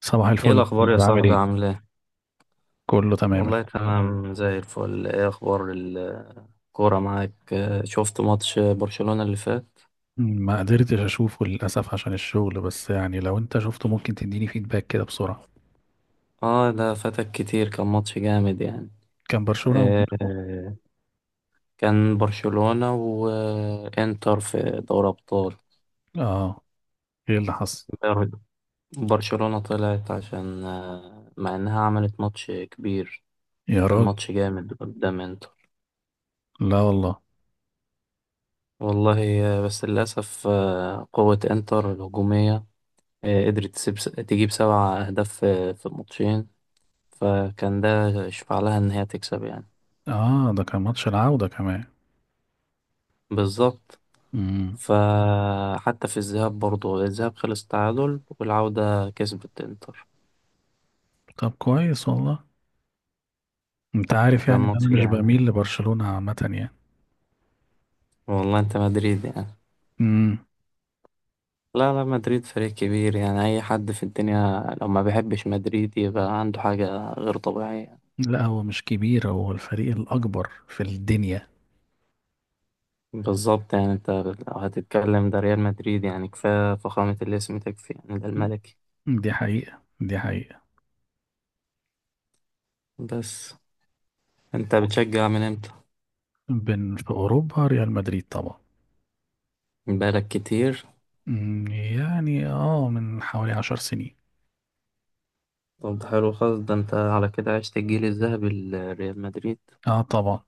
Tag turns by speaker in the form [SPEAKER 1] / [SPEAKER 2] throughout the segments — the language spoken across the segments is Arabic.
[SPEAKER 1] صباح
[SPEAKER 2] ايه
[SPEAKER 1] الفل،
[SPEAKER 2] الاخبار يا
[SPEAKER 1] بعمل
[SPEAKER 2] صاحبي
[SPEAKER 1] ايه؟
[SPEAKER 2] عامل ايه؟
[SPEAKER 1] كله تمام.
[SPEAKER 2] والله تمام زي الفل. ايه اخبار الكوره معاك؟ شفت ماتش برشلونة اللي فات.
[SPEAKER 1] ما قدرتش اشوفه للاسف عشان الشغل، بس يعني لو انت شفته ممكن تديني فيدباك كده بسرعه.
[SPEAKER 2] اه ده فاتك كتير، كان ماتش جامد يعني.
[SPEAKER 1] كان برشلونه وبيراميدز.
[SPEAKER 2] آه، كان برشلونة وانتر في دوري ابطال.
[SPEAKER 1] اه، ايه اللي حصل؟
[SPEAKER 2] بر- برشلونة طلعت عشان مع انها عملت ماتش كبير،
[SPEAKER 1] يا
[SPEAKER 2] كان
[SPEAKER 1] راجل،
[SPEAKER 2] ماتش جامد قدام انتر.
[SPEAKER 1] لا والله.
[SPEAKER 2] والله بس للاسف قوة انتر الهجومية قدرت تسيب تجيب سبع أهداف في الماتشين، فكان ده يشفع لها إن هي تكسب يعني.
[SPEAKER 1] اه، ده كان ماتش العوده كمان.
[SPEAKER 2] بالظبط،
[SPEAKER 1] امم
[SPEAKER 2] فحتى في الذهاب برضه الذهاب خلص تعادل والعودة كسبت إنتر.
[SPEAKER 1] طب كويس والله. انت عارف
[SPEAKER 2] كان
[SPEAKER 1] يعني إن انا
[SPEAKER 2] ماتش
[SPEAKER 1] مش
[SPEAKER 2] جامد.
[SPEAKER 1] بميل لبرشلونه عامه يعني.
[SPEAKER 2] والله أنت مدريد يعني.
[SPEAKER 1] امم
[SPEAKER 2] لا مدريد فريق كبير يعني، أي حد في الدنيا لو ما بيحبش مدريد يبقى عنده حاجة غير طبيعية.
[SPEAKER 1] لا، هو مش كبير، هو الفريق الاكبر في الدنيا.
[SPEAKER 2] بالظبط يعني أنت لو هتتكلم ده ريال مدريد يعني، كفاية فخامة الاسم تكفي يعني، ده الملكي.
[SPEAKER 1] دي حقيقه.
[SPEAKER 2] بس انت بتشجع من امتى؟
[SPEAKER 1] بن في اوروبا ريال مدريد طبعا.
[SPEAKER 2] من بقالك كتير.
[SPEAKER 1] يعني اه، من حوالي 10 سنين.
[SPEAKER 2] طب ده حلو خالص، ده انت على كده عشت الجيل الذهبي لريال مدريد.
[SPEAKER 1] اه طبعا.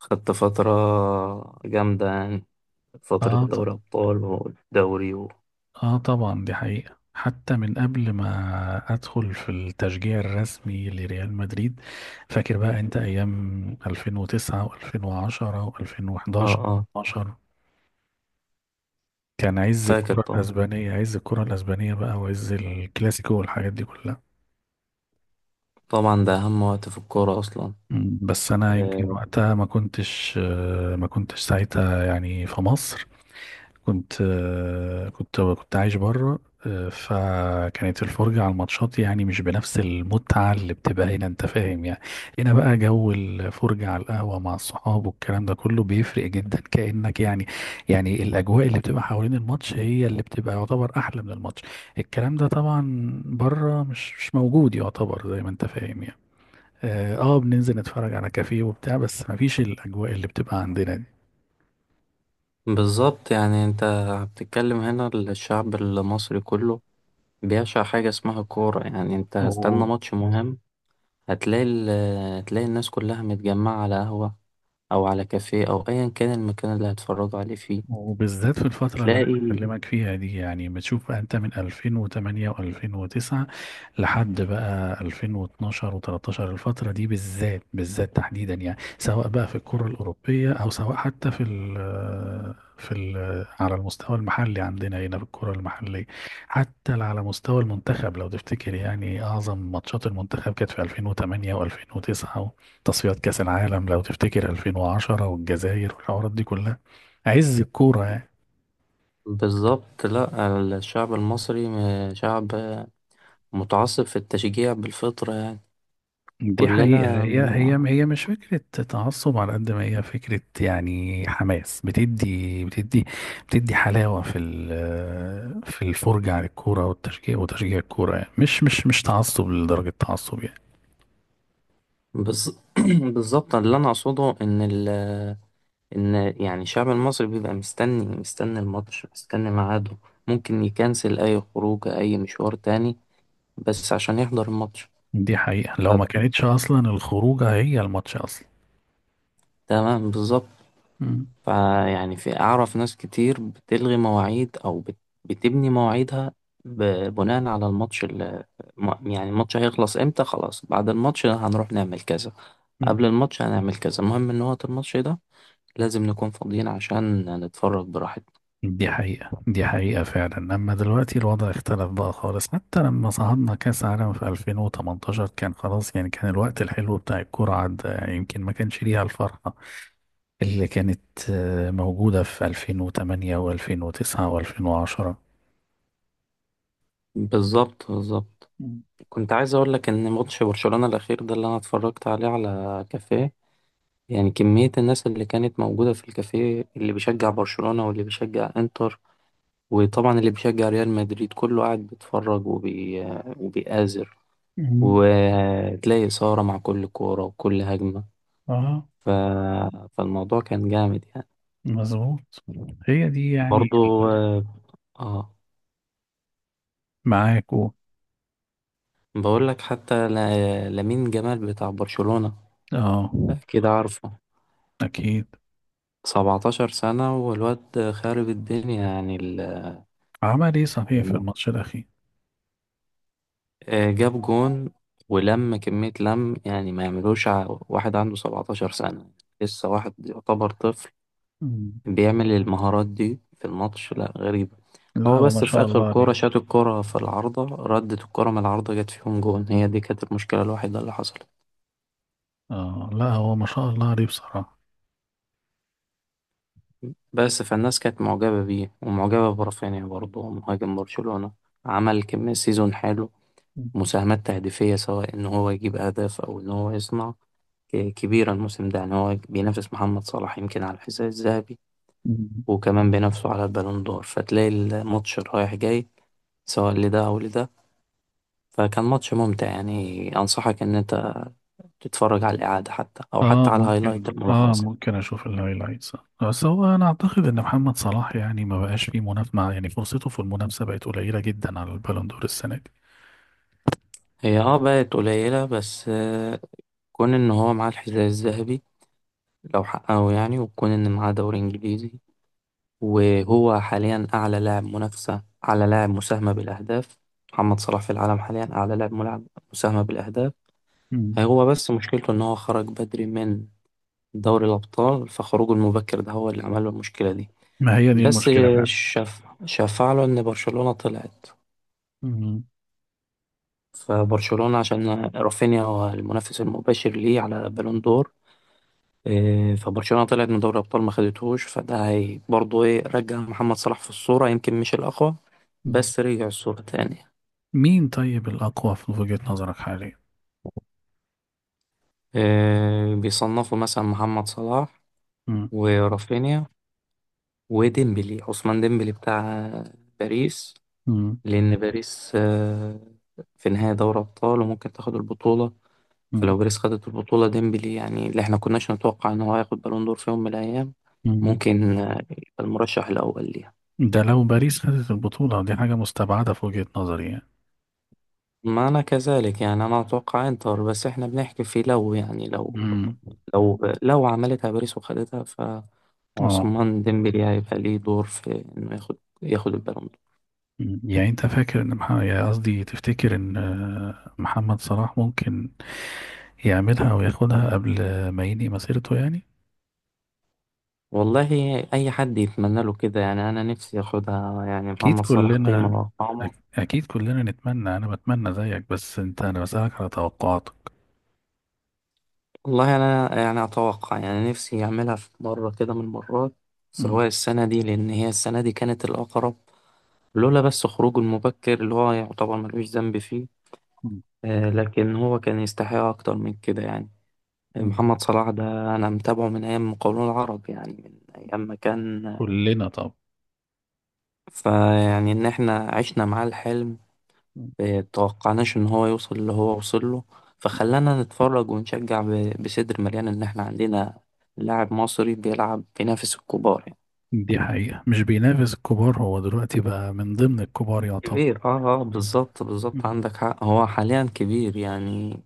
[SPEAKER 2] خدت فترة جامدة يعني، فترة
[SPEAKER 1] اه ط...
[SPEAKER 2] دوري أبطال والدوري و
[SPEAKER 1] اه طبعا، دي حقيقة، حتى من قبل ما ادخل في التشجيع الرسمي لريال مدريد. فاكر بقى انت ايام 2009 و2010
[SPEAKER 2] اه
[SPEAKER 1] و2011
[SPEAKER 2] اه
[SPEAKER 1] و12؟ كان عز
[SPEAKER 2] فاكر
[SPEAKER 1] الكرة
[SPEAKER 2] طبعا.
[SPEAKER 1] الاسبانية، بقى وعز الكلاسيكو والحاجات دي كلها.
[SPEAKER 2] طبعا ده أهم وقت في الكورة أصلا.
[SPEAKER 1] بس انا يمكن
[SPEAKER 2] آه،
[SPEAKER 1] وقتها ما كنتش، ما كنتش ساعتها يعني في مصر. كنت، كنت عايش بره. فكانت الفرجة على الماتشات يعني مش بنفس المتعة اللي بتبقى هنا، انت فاهم يعني. هنا بقى جو الفرجة على القهوة مع الصحاب والكلام ده كله بيفرق جدا، كأنك يعني، يعني الأجواء اللي بتبقى حوالين الماتش هي اللي بتبقى يعتبر أحلى من الماتش. الكلام ده طبعا بره مش موجود يعتبر، زي ما انت فاهم يعني. اه، بننزل نتفرج على كافيه وبتاع، بس مفيش الأجواء اللي بتبقى عندنا دي.
[SPEAKER 2] بالظبط يعني انت بتتكلم، هنا الشعب المصري كله بيعشق حاجة اسمها كورة يعني، انت هستنى
[SPEAKER 1] و...
[SPEAKER 2] ماتش مهم هتلاقي ال... هتلاقي الناس كلها متجمعة على قهوة أو على كافيه أو أيا كان المكان اللي هتفرجوا عليه فيه.
[SPEAKER 1] وبالذات في الفترة اللي أنا
[SPEAKER 2] تلاقي
[SPEAKER 1] بكلمك فيها دي، يعني بتشوف بقى أنت من 2008 و2009 لحد بقى 2012 و13. الفترة دي بالذات، تحديدا يعني، سواء بقى في الكرة الأوروبية أو سواء حتى في ال في ال على المستوى المحلي عندنا هنا في الكرة المحلية. حتى على مستوى المنتخب لو تفتكر، يعني أعظم ماتشات المنتخب كانت في 2008 و2009، وتصفيات كأس العالم لو تفتكر 2010، والجزائر والحوارات دي كلها، عز الكورة يعني.
[SPEAKER 2] بالظبط، لأ الشعب المصري شعب متعصب في التشجيع بالفطرة يعني،
[SPEAKER 1] دي حقيقة،
[SPEAKER 2] كلنا
[SPEAKER 1] هي هي
[SPEAKER 2] بنوع.
[SPEAKER 1] هي مش فكرة تعصب على قد ما هي فكرة، يعني حماس، بتدي حلاوة في الفرجة على الكورة والتشجيع وتشجيع الكورة، يعني مش تعصب لدرجة تعصب يعني.
[SPEAKER 2] بز- بالظبط اللي أنا أقصده إن ال إن يعني الشعب المصري بيبقى مستني الماتش، مستني ميعاده، ممكن يكنسل أي خروج أي مشوار تاني بس عشان يحضر الماتش.
[SPEAKER 1] دي حقيقة، لو
[SPEAKER 2] طب
[SPEAKER 1] ما كانتش أصلا الخروجة هي الماتش أصلا.
[SPEAKER 2] تمام بالظبط، فيعني في، أعرف ناس كتير بتلغي مواعيد أو بتبني مواعيدها ب- بناء على الماتش اللي، يعني الماتش هيخلص امتى، خلاص بعد الماتش هنروح نعمل كذا،
[SPEAKER 1] مم.
[SPEAKER 2] قبل الماتش هنعمل كذا، المهم ان وقت الماتش ده لازم نكون فاضيين عشان نتفرج براحتنا.
[SPEAKER 1] دي حقيقة فعلا. أما دلوقتي الوضع اختلف بقى خالص، حتى لما صعدنا كأس عالم في 2018 كان خلاص، يعني كان الوقت الحلو بتاع الكورة عدى، يعني يمكن ما كانش ليها الفرحة اللي كانت، موجودة في 2008 و2009 و2010.
[SPEAKER 2] بالظبط.
[SPEAKER 1] مم.
[SPEAKER 2] كنت عايز اقول لك ان ماتش برشلونة الاخير ده اللي انا اتفرجت عليه على كافيه، يعني كمية الناس اللي كانت موجودة في الكافيه، اللي بيشجع برشلونة واللي بيشجع انتر وطبعا اللي بيشجع ريال مدريد كله قاعد بيتفرج وبيآزر
[SPEAKER 1] مم.
[SPEAKER 2] وتلاقي إثارة مع كل كورة وكل هجمة،
[SPEAKER 1] اه
[SPEAKER 2] ف... فالموضوع كان جامد يعني.
[SPEAKER 1] مظبوط. هي دي يعني
[SPEAKER 2] برضو اه آه،
[SPEAKER 1] معاك
[SPEAKER 2] بقول لك حتى لامين جمال بتاع برشلونة
[SPEAKER 1] اه
[SPEAKER 2] أكيد عارفه،
[SPEAKER 1] أكيد.
[SPEAKER 2] 17 سنة والواد خارب الدنيا يعني
[SPEAKER 1] عمل إيه صحيح في
[SPEAKER 2] ال-
[SPEAKER 1] الماتش الأخير؟
[SPEAKER 2] جاب جون ولم كمية لم، يعني ما يعملوش واحد عنده 17 سنة، لسه واحد يعتبر طفل
[SPEAKER 1] مم.
[SPEAKER 2] بيعمل المهارات دي في الماتش، لا غريبة.
[SPEAKER 1] لا
[SPEAKER 2] هو
[SPEAKER 1] هو ما
[SPEAKER 2] بس في
[SPEAKER 1] شاء
[SPEAKER 2] آخر
[SPEAKER 1] الله
[SPEAKER 2] كورة
[SPEAKER 1] عليه.
[SPEAKER 2] شاط الكورة في العارضة، ردت الكورة من العارضة جت فيهم جون، هي دي كانت المشكلة الوحيدة اللي حصلت
[SPEAKER 1] اه لا هو ما شاء الله عليه بصراحة.
[SPEAKER 2] بس. فالناس كانت معجبة بيه ومعجبة برافينيا برضه مهاجم برشلونة، عمل كمية سيزون حلو،
[SPEAKER 1] مم.
[SPEAKER 2] مساهمات تهديفية سواء إن هو يجيب أهداف أو إن هو يصنع، كبيرة الموسم ده يعني، هو بينافس محمد صلاح يمكن على الحذاء الذهبي وكمان بينافسه على البالون دور، فتلاقي الماتش رايح جاي سواء لده أو لده. فكان ماتش ممتع يعني، أنصحك إن أنت تتفرج على الإعادة حتى، أو حتى
[SPEAKER 1] اه
[SPEAKER 2] على الهايلايت
[SPEAKER 1] ممكن، اه
[SPEAKER 2] الملخص.
[SPEAKER 1] ممكن اشوف الهايلايتس. بس هو انا اعتقد ان محمد صلاح يعني ما بقاش فيه منافسه، مع يعني فرصته في المنافسه بقت قليله جدا على البالون دور السنه دي.
[SPEAKER 2] هي اه بقت قليلة بس كون إن هو معاه الحذاء الذهبي لو حققه يعني، وكون إن معاه دوري إنجليزي، وهو حاليا أعلى لاعب منافسة، أعلى لاعب مساهمة بالأهداف، محمد صلاح في العالم حاليا أعلى لاعب ملعب مساهمة بالأهداف.
[SPEAKER 1] مم.
[SPEAKER 2] هو بس مشكلته إن هو خرج بدري من دوري الأبطال، فخروجه المبكر ده هو اللي عمل له المشكلة دي.
[SPEAKER 1] ما هي دي
[SPEAKER 2] بس
[SPEAKER 1] المشكله فعلا.
[SPEAKER 2] شاف، شفع له إن برشلونة طلعت.
[SPEAKER 1] مم.
[SPEAKER 2] فبرشلونة عشان رافينيا هو المنافس المباشر ليه على بالون دور، إيه، فبرشلونة طلعت من دوري الأبطال ما خدتهوش، فده هي برضه إيه رجع محمد صلاح في الصورة، يمكن مش الأقوى
[SPEAKER 1] مم.
[SPEAKER 2] بس رجع الصورة تاني.
[SPEAKER 1] مين طيب الاقوى في وجهه نظرك حاليا؟
[SPEAKER 2] إيه، بيصنفوا مثلا محمد صلاح
[SPEAKER 1] مم.
[SPEAKER 2] ورافينيا وديمبلي، عثمان ديمبلي بتاع باريس،
[SPEAKER 1] مم.
[SPEAKER 2] لأن باريس في نهاية دوري أبطال وممكن تاخد البطولة.
[SPEAKER 1] مم.
[SPEAKER 2] فلو باريس خدت البطولة ديمبلي، يعني اللي احنا كناش نتوقع ان هو هياخد بالون دور في يوم من الايام،
[SPEAKER 1] مم.
[SPEAKER 2] ممكن يبقى المرشح الاول ليها.
[SPEAKER 1] ده لو باريس خدت البطوله دي حاجه مستبعده في وجهه نظري يعني.
[SPEAKER 2] ما انا كذلك يعني، انا اتوقع انتر بس احنا بنحكي في لو، يعني لو،
[SPEAKER 1] مم.
[SPEAKER 2] لو عملتها باريس وخدتها
[SPEAKER 1] اه.
[SPEAKER 2] فعثمان ديمبلي هيبقى ليه دور في انه ياخد، ياخد البالون دور.
[SPEAKER 1] مم. يعني انت فاكر ان يعني قصدي تفتكر ان، محمد صلاح ممكن يعملها او ياخدها قبل ما ينهي مسيرته يعني؟
[SPEAKER 2] والله اي حد يتمنى له كده يعني، انا نفسي ياخدها، يعني
[SPEAKER 1] اكيد
[SPEAKER 2] محمد صلاح
[SPEAKER 1] كلنا.
[SPEAKER 2] قيمة وقامة.
[SPEAKER 1] اكيد كلنا نتمنى، انا بتمنى زيك، بس انت انا بسألك على توقعاتك.
[SPEAKER 2] والله أنا يعني أتوقع، يعني نفسي أعملها في مرة كده من المرات،
[SPEAKER 1] مم.
[SPEAKER 2] سواء السنة دي، لأن هي السنة دي كانت الأقرب لولا بس خروجه المبكر اللي هو يعتبر ملوش ذنب فيه.
[SPEAKER 1] مم.
[SPEAKER 2] لكن هو كان يستحق أكتر من كده يعني.
[SPEAKER 1] مم.
[SPEAKER 2] محمد صلاح ده أنا متابعه من أيام مقاولون العرب، يعني من أيام ما كان،
[SPEAKER 1] كلنا طب.
[SPEAKER 2] فيعني إن إحنا عشنا معاه الحلم،
[SPEAKER 1] مم.
[SPEAKER 2] إيه، توقعناش إن هو يوصل اللي هو وصل له، فخلانا نتفرج ونشجع بصدر مليان إن إحنا عندنا لاعب مصري بيلعب بينافس الكبار يعني.
[SPEAKER 1] دي حقيقة، مش بينافس الكبار، هو دلوقتي بقى من ضمن الكبار يعتبر.
[SPEAKER 2] كبير اه اه بالظبط بالظبط،
[SPEAKER 1] مم.
[SPEAKER 2] عندك حق هو حاليا كبير يعني.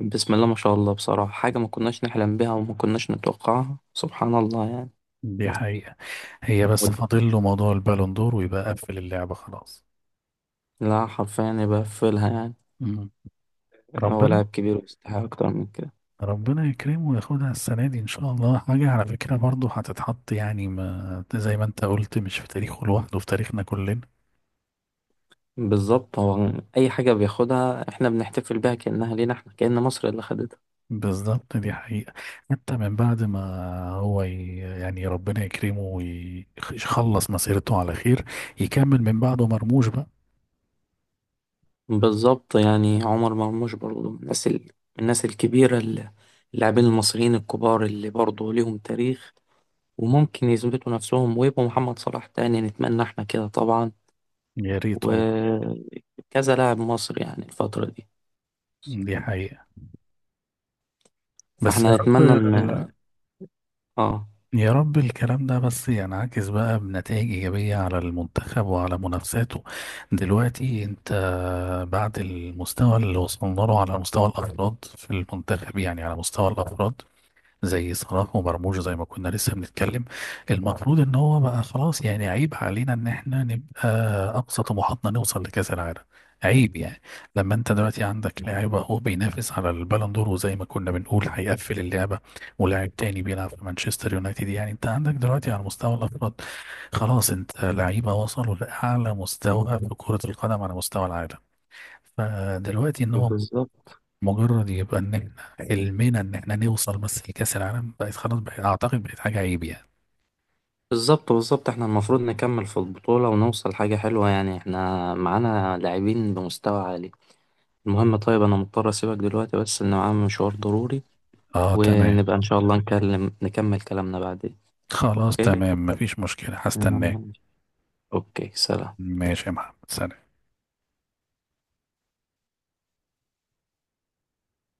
[SPEAKER 2] بسم الله ما شاء الله، بصراحة حاجة ما كناش نحلم بيها وما كناش نتوقعها سبحان الله يعني.
[SPEAKER 1] دي حقيقة. هي بس
[SPEAKER 2] ود-
[SPEAKER 1] فاضل له موضوع البالون دور ويبقى قفل اللعبة خلاص.
[SPEAKER 2] لا حرفيا يبقى فيلها يعني،
[SPEAKER 1] مم.
[SPEAKER 2] هو لاعب
[SPEAKER 1] ربنا.
[SPEAKER 2] كبير ويستحق أكتر من كده.
[SPEAKER 1] ربنا يكرمه وياخدها السنة دي إن شاء الله. حاجة على فكرة برضه هتتحط، يعني ما زي ما أنت قلت، مش في تاريخه لوحده، في تاريخنا كلنا.
[SPEAKER 2] بالظبط، هو أي حاجة بياخدها احنا بنحتفل بيها كأنها لينا احنا، كأن مصر اللي خدتها.
[SPEAKER 1] بالظبط، دي حقيقة. حتى من بعد ما هو يعني ربنا يكرمه ويخلص مسيرته على خير. يكمل من بعده مرموش بقى.
[SPEAKER 2] بالظبط يعني عمر مرموش برضه من من الناس الكبيرة، اللاعبين المصريين الكبار اللي برضه ليهم تاريخ وممكن يثبتوا نفسهم ويبقوا محمد صلاح تاني، نتمنى احنا كده طبعا،
[SPEAKER 1] يا ريت والله.
[SPEAKER 2] وكذا لاعب مصري يعني الفترة دي.
[SPEAKER 1] دي حقيقة. بس يا
[SPEAKER 2] فاحنا نتمنى ان
[SPEAKER 1] رب،
[SPEAKER 2] اه
[SPEAKER 1] يا رب الكلام ده بس ينعكس بقى بنتائج إيجابية على المنتخب وعلى منافساته. دلوقتي أنت، بعد المستوى اللي وصلنا له على مستوى الأفراد في المنتخب، يعني على مستوى الأفراد زي صلاح ومرموش، زي ما كنا لسه بنتكلم، المفروض ان هو بقى خلاص، يعني عيب علينا ان احنا نبقى اقصى طموحاتنا نوصل لكاس العالم، عيب يعني. لما انت دلوقتي عندك لاعب اهو بينافس على البالون دور، وزي ما كنا بنقول هيقفل اللعبه، ولاعب تاني بيلعب في مانشستر يونايتد، يعني انت عندك دلوقتي على مستوى الافراد خلاص، انت لعيبه وصلوا لاعلى مستوى في كره القدم على مستوى العالم. فدلوقتي ان هو
[SPEAKER 2] بالظبط
[SPEAKER 1] مجرد يبقى ان احنا حلمنا ان احنا نوصل بس لكأس العالم، بقت خلاص، بقت اعتقد بقت حاجة عيب يعني.
[SPEAKER 2] بالظبط، احنا المفروض نكمل في البطولة ونوصل حاجة حلوة يعني، احنا معانا لاعبين بمستوى عالي. المهم طيب انا مضطر اسيبك دلوقتي بس ان معايا مشوار ضروري،
[SPEAKER 1] اه تمام.
[SPEAKER 2] ونبقى إن شاء الله نكمل كلامنا بعدين.
[SPEAKER 1] خلاص
[SPEAKER 2] أوكي،
[SPEAKER 1] تمام، مفيش مشكلة، هستناك.
[SPEAKER 2] أوكي سلام.
[SPEAKER 1] ماشي يا محمد، سلام.